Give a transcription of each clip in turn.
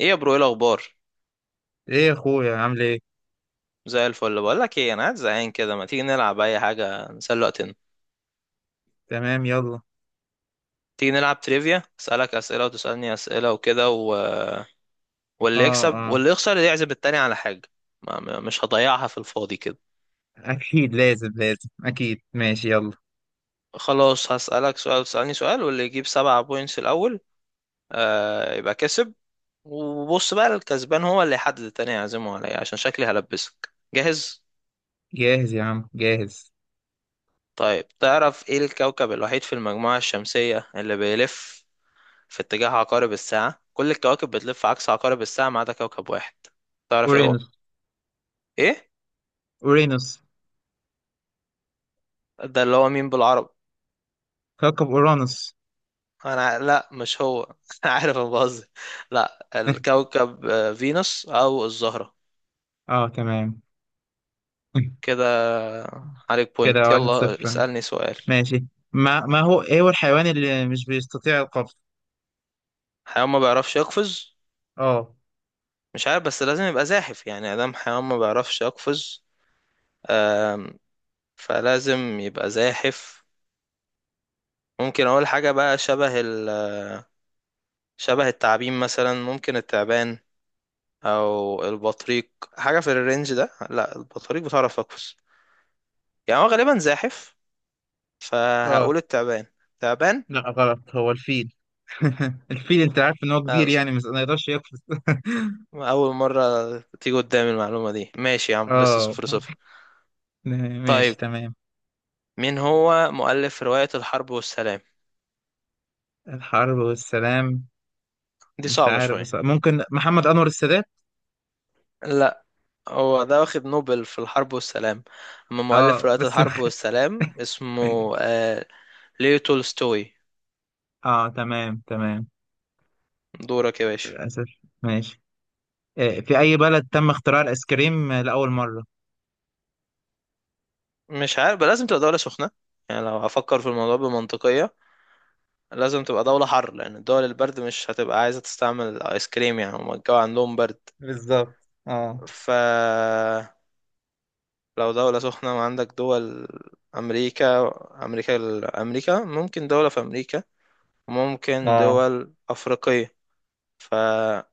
ايه يا برو؟ ايه الاخبار؟ ايه يا اخويا، عامل ايه؟ زي الفل. بقول لك ايه، انا قاعد زهقان كده. ما تيجي نلعب اي حاجه نسلي وقتنا. تمام، يلا. تيجي نلعب تريفيا، اسالك اسئله وتسالني اسئله وكده واللي اه، يكسب اه، واللي يخسر يعزم التاني على حاجه. مش هضيعها في الفاضي كده. اكيد، لازم لازم اكيد، ماشي يلا. خلاص، هسالك سؤال وتسالني سؤال، واللي يجيب سبعة بوينتس الاول آه يبقى كسب. وبص بقى، الكسبان هو اللي يحدد التاني يعزمه على ايه، عشان شكلي هلبسك جاهز. جاهز يا عم، جاهز. طيب، تعرف ايه الكوكب الوحيد في المجموعه الشمسيه اللي بيلف في اتجاه عقارب الساعة؟ كل الكواكب بتلف عكس عقارب الساعة ما عدا كوكب واحد. تعرف ايه هو؟ اورانوس. ايه؟ اورانوس. ده اللي هو مين بالعربي؟ كوكب اورانوس. لا مش هو. انا عارف، انا بهزر. لا الكوكب فينوس او الزهرة. اه، تمام. كده عليك كده بوينت. واحد يلا صفر. اسألني سؤال. ماشي. ما هو ايه الحيوان اللي مش بيستطيع القفز؟ حيوان ما بيعرفش يقفز؟ اه. مش عارف، بس لازم يبقى زاحف. يعني ادام حيوان ما بيعرفش يقفز. آم، فلازم يبقى زاحف. ممكن اقول حاجة بقى شبه شبه التعابين مثلا. ممكن التعبان او البطريق، حاجه في الرينج ده. لا البطريق بتعرف تقفز. يعني هو غالبا زاحف، اه. فهقول التعبان. تعبان. لا، غلط، هو الفيل. الفيل، انت عارف ان هو لا، كبير، أقصد يعني مش ما يقدرش يقفز. اول مره تيجي قدامي المعلومه دي. ماشي يا عم، لسه صفر صفر. اه. ماشي، طيب، تمام. مين هو مؤلف روايه الحرب والسلام؟ الحرب والسلام. دي مش صعبه عارف، شويه. بس ممكن محمد أنور السادات. لا، هو ده واخد نوبل في الحرب والسلام، اما مؤلف اه روايه بس. الحرب والسلام اسمه ليو تولستوي. اه، تمام، تمام. دورك يا باشا. للأسف. ماشي. في أي بلد تم اختراع الآيس كريم لأول مرة؟ مش عارف بقى، لازم تبقى دوله سخنه. يعني لو هفكر في الموضوع بمنطقيه، لازم تبقى دولة حر، لأن الدول البرد مش هتبقى عايزة تستعمل الآيس كريم، يعني هما الجو عندهم برد. بالظبط. اه. ف لو دولة سخنة وعندك دول أمريكا أمريكا أمريكا، ممكن دولة في أمريكا، ممكن اه. دول أفريقية. فلو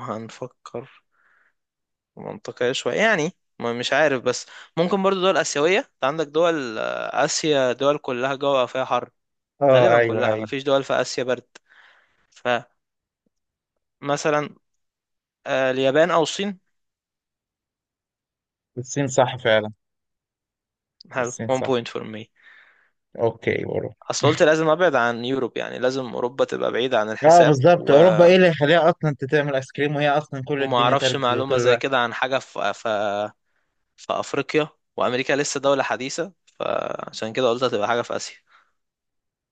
هنفكر منطقية شوية يعني، مش عارف. بس ممكن برضو دول آسيوية. أنت عندك دول آسيا، دول كلها جوها فيها حر. اه، غالبا ايوه، كلها، ايوه. مفيش دول في آسيا برد. فمثلا اليابان أو الصين. الصين، صح فعلا. حلو, الصين 1 point صح. for me. اوكي، اوروبا. اصل قلت لازم ابعد عن يوروب، يعني لازم اوروبا تبقى بعيدة عن اه، الحساب بالظبط، اوروبا ايه اللي يخليها اصلا انت تعمل ايس كريم، وهي اصلا كل وما الدنيا اعرفش تلج معلومة طول زي الوقت. كده عن حاجة في في افريقيا. وامريكا لسه دولة حديثة، فعشان كده قلت هتبقى حاجة في اسيا.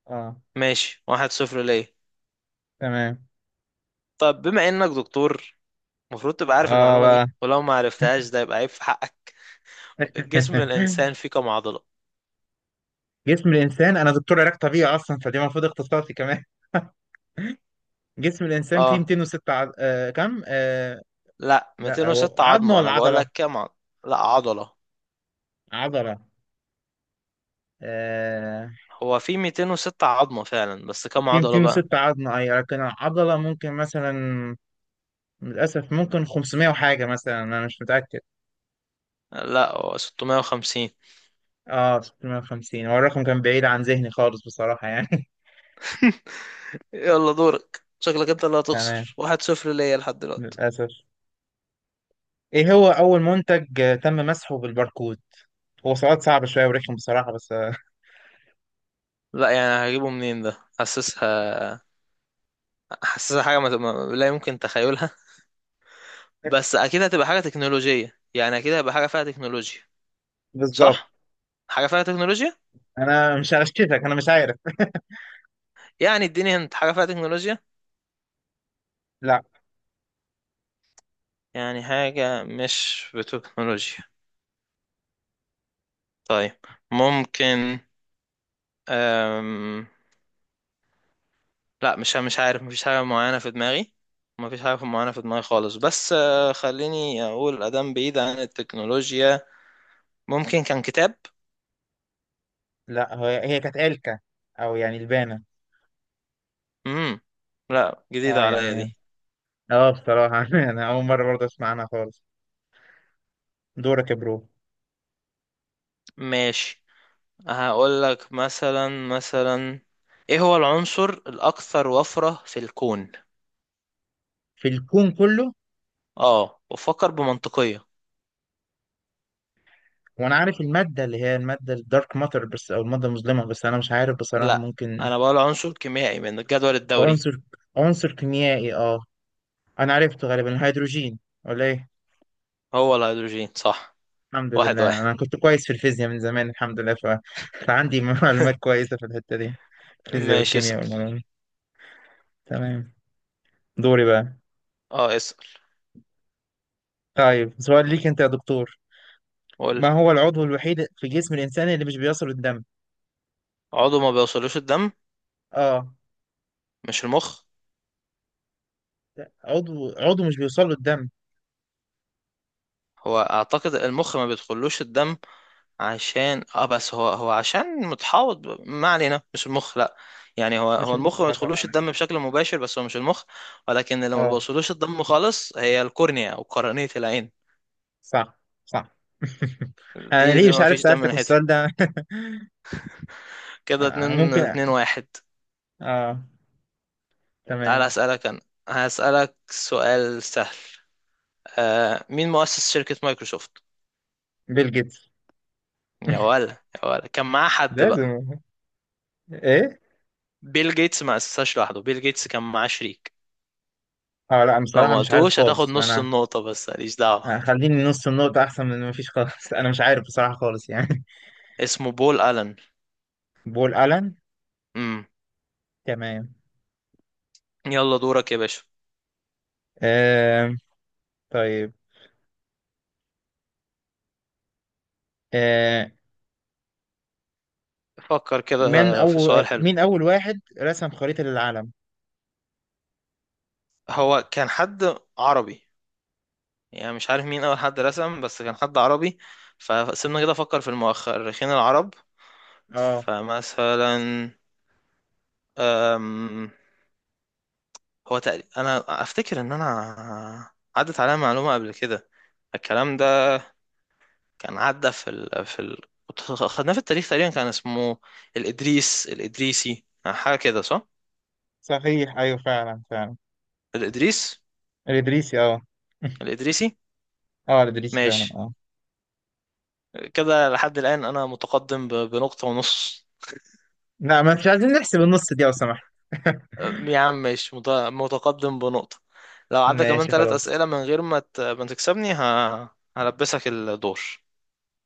اه، ماشي، واحد صفر ليه. تمام. طب بما انك دكتور، المفروض تبقى عارف اه المعلومة بقى. دي، ولو ما عرفتهاش ده يبقى عيب في حقك. جسم الانسان فيه كم عضلة؟ جسم الانسان، انا دكتور علاج طبيعي اصلا، فدي المفروض اختصاصي كمان. جسم الانسان فيه اه، 206 كم لا لا، هو 206 عظمه عظمة، ولا انا بقول عضله؟ لك كم عضلة. لا عضلة. عضله. آه هو في 206 عظمة فعلا، بس كم فيه عضلة بقى؟ 206 عظمه اي، لكن العضله ممكن مثلا، للاسف ممكن 500 وحاجه مثلا، انا مش متاكد. لا، هو 650. اه، 650، هو الرقم كان بعيد عن ذهني خالص بصراحه يعني. يلا دورك، شكلك انت اللي تمام. هتخسر. واحد صفر ليا لحد دلوقتي. للاسف. ايه هو اول منتج تم مسحه بالباركود؟ هو سؤال صعب شويه ورخم بصراحه بس لا يعني هجيبه منين ده؟ حاسسها، حاسسها حاجة لا يمكن تخيلها. بس أكيد هتبقى حاجة تكنولوجية، يعني أكيد هيبقى حاجة فيها تكنولوجيا، بالظبط. صح؟ حاجة فيها تكنولوجيا؟ انا مش هشككك، انا مش عارف. يعني اديني انت حاجة فيها تكنولوجيا؟ لا. يعني حاجة مش بتكنولوجيا. طيب، ممكن أم... لا، مش عارف. مفيش حاجة معينة في دماغي، مفيش حاجة معينة في دماغي خالص. بس خليني أقول أدام بعيد عن التكنولوجيا. ممكن كان كتاب. لا، هي هي كانت او يعني لبانه. امم، لا اه جديدة عليا يعني. دي. اه، بصراحة انا اول مرة برضه اسمع عنها خالص. دورك يا برو. ماشي، هقول لك مثلا، ايه هو العنصر الأكثر وفرة في الكون؟ في الكون كله؟ اه، وفكر بمنطقية. وانا عارف المادة اللي هي المادة الدارك ماتر، بس او المادة المظلمة، بس انا مش عارف بصراحة، لا، ممكن. انا بقول عنصر كيميائي من الجدول الدوري. عنصر. عنصر كيميائي، اه. انا عرفته غالبا الهيدروجين، ولا ايه؟ هو الهيدروجين صح. الحمد واحد لله، واحد. انا كنت كويس في الفيزياء من زمان، الحمد لله ف... فعندي معلومات كويسة في الحتة دي. الفيزياء ماشي، اسأل. والكيمياء والعلوم. تمام. دوري بقى. اه اسأل. طيب سؤال ليك انت يا دكتور. قول لي، ما هو العضو الوحيد في جسم الانسان اللي مش بيصل الدم؟ عضو ما بيوصلوش الدم؟ اه. مش المخ؟ عضو مش بيوصل له الدم. هو اعتقد المخ ما بيدخلوش الدم عشان اه، بس هو عشان متحوط ما علينا، مش المخ لا. يعني هو مش هو المخ، المخ ما لا بيدخلوش طبعا الدم أكيد. بشكل مباشر، بس هو مش المخ. ولكن اللي ما اه. بيوصلوش الدم خالص هي الكورنيا او قرنية العين. صح. صح. انا دي ليه ده مش ما عارف فيش دم سألتك ناحيتها. السؤال ده؟ كده آه، اتنين ممكن. اتنين واحد. اه. تعال تمام. اسألك انا، هسألك سؤال سهل. آه، مين مؤسس شركة مايكروسوفت؟ بيل جيتس. يا ولا، يا ولا كان معاه حد بقى؟ لازم. ايه؟ بيل جيتس ما اسسهاش لوحده، بيل جيتس كان معاه شريك. اه لا، لو بصراحة ما مش عارف قلتوش هتاخد خالص نص انا. النقطة، بس ماليش دعوة. آه، خليني نص النقطة احسن من ما فيش خالص. انا مش عارف بصراحة خالص يعني. اسمه بول ألن. بول ألان. امم، تمام. يلا دورك يا باشا. آه. طيب. آه. فكر من كده في اول سؤال حلو. مين اول واحد رسم خريطة للعالم؟ هو كان حد عربي، يعني مش عارف مين أول حد رسم، بس كان حد عربي. فسيبنا كده أفكر في المؤرخين العرب. اه، فمثلا أم، هو تقريبا أنا أفتكر إن أنا عدت عليا معلومة قبل كده، الكلام ده كان عدى خدناه في التاريخ، تقريبا كان اسمه الإدريسي، حاجة كده صح؟ صحيح، ايوه، فعلا، فعلا. الإدريس الادريسي اه. الإدريسي. اه، على ادريس فعلا ماشي. اه. كده لحد الآن أنا متقدم بنقطة ونص. لا، ما مش عايزين نحسب النص دي لو سمحت. يا عم ماشي، متقدم بنقطة. لو عدى كمان ماشي، ثلاث خلاص. أسئلة من غير ما ما تكسبني هلبسك الدور.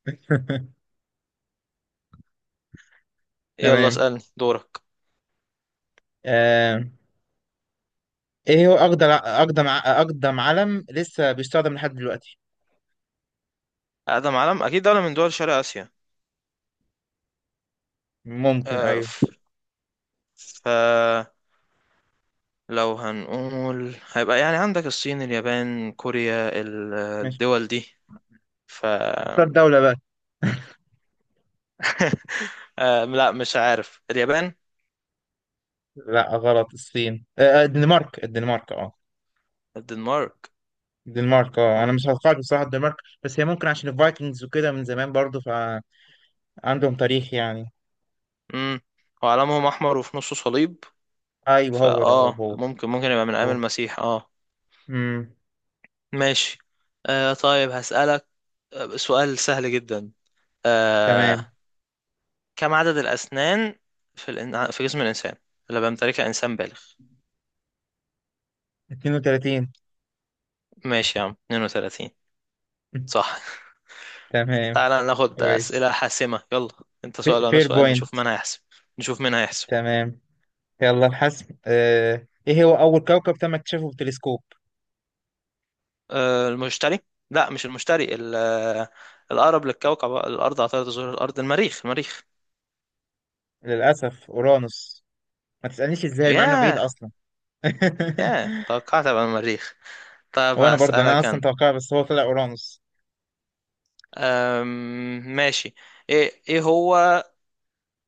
يلا تمام. اسألني دورك. آه. ايه هو اقدم علم لسه بيستخدم لحد دلوقتي؟ أقدم علم، أكيد دولة من دول شرق آسيا. ممكن، أه ايوه. فلو هنقول، هيبقى يعني عندك الصين، اليابان، كوريا، ماشي. الدول دي. ف اختار دولة بقى. أه لا مش عارف، اليابان. لا، غلط، الصين، الدنمارك، الدنمارك اه. الدنمارك؟ الدنمارك اه، انا أه. مش هتوقعت بصراحة الدنمارك. بس هي ممكن عشان الفايكنجز وكده، من زمان برضو، فعندهم تاريخ يعني. امم، وعلمهم احمر وفي نصه صليب. ايوه هو ده، هو فاه، هو. ممكن ممكن يبقى من ايام هو. المسيح اه. امم. ماشي. آه طيب هسألك سؤال سهل جدا. آه، تمام. كم عدد الاسنان في في جسم الانسان اللي بيمتلكها انسان بالغ؟ 32. ماشي يا عم، 32. صح. تمام. تعالى ناخد كويس. اسئله حاسمه يلا. انت سؤال وانا فير سؤال، بوينت. نشوف مين هيحسب. نشوف مين هيحسب. تمام. يلا الحسم. ايه هو اول كوكب تم اكتشافه بالتلسكوب؟ آه المشتري. لا مش المشتري، الاقرب للكوكب الارض على طارة زهور الارض، المريخ، المريخ. للاسف اورانوس. ما تسالنيش ازاي مع انه بعيد ياه. اصلا. ياه، توقعت ابقى المريخ. طيب وانا برضه، انا هسألك اصلا انا توقع، بس هو طلع اورانوس. ماشي، ايه هو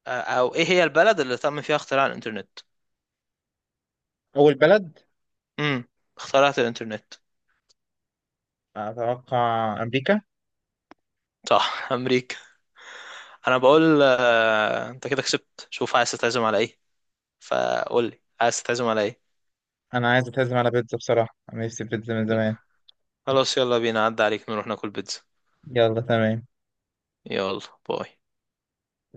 او ايه هي البلد اللي تم فيها اختراع الانترنت؟ اول بلد؟ امم، اخترعت الانترنت. اتوقع امريكا. صح. امريكا، انا بقول. آه، انت كده كسبت، شوف عايز تتعزم على ايه. فقول لي عايز تتعزم على ايه. انا عايز اتهزم على بيتزا بصراحه، انا نفسي في بيتزا من زمان. خلاص يلا بينا، عدى عليك، نروح ناكل بيتزا. يلا، تمام. يلا. باي.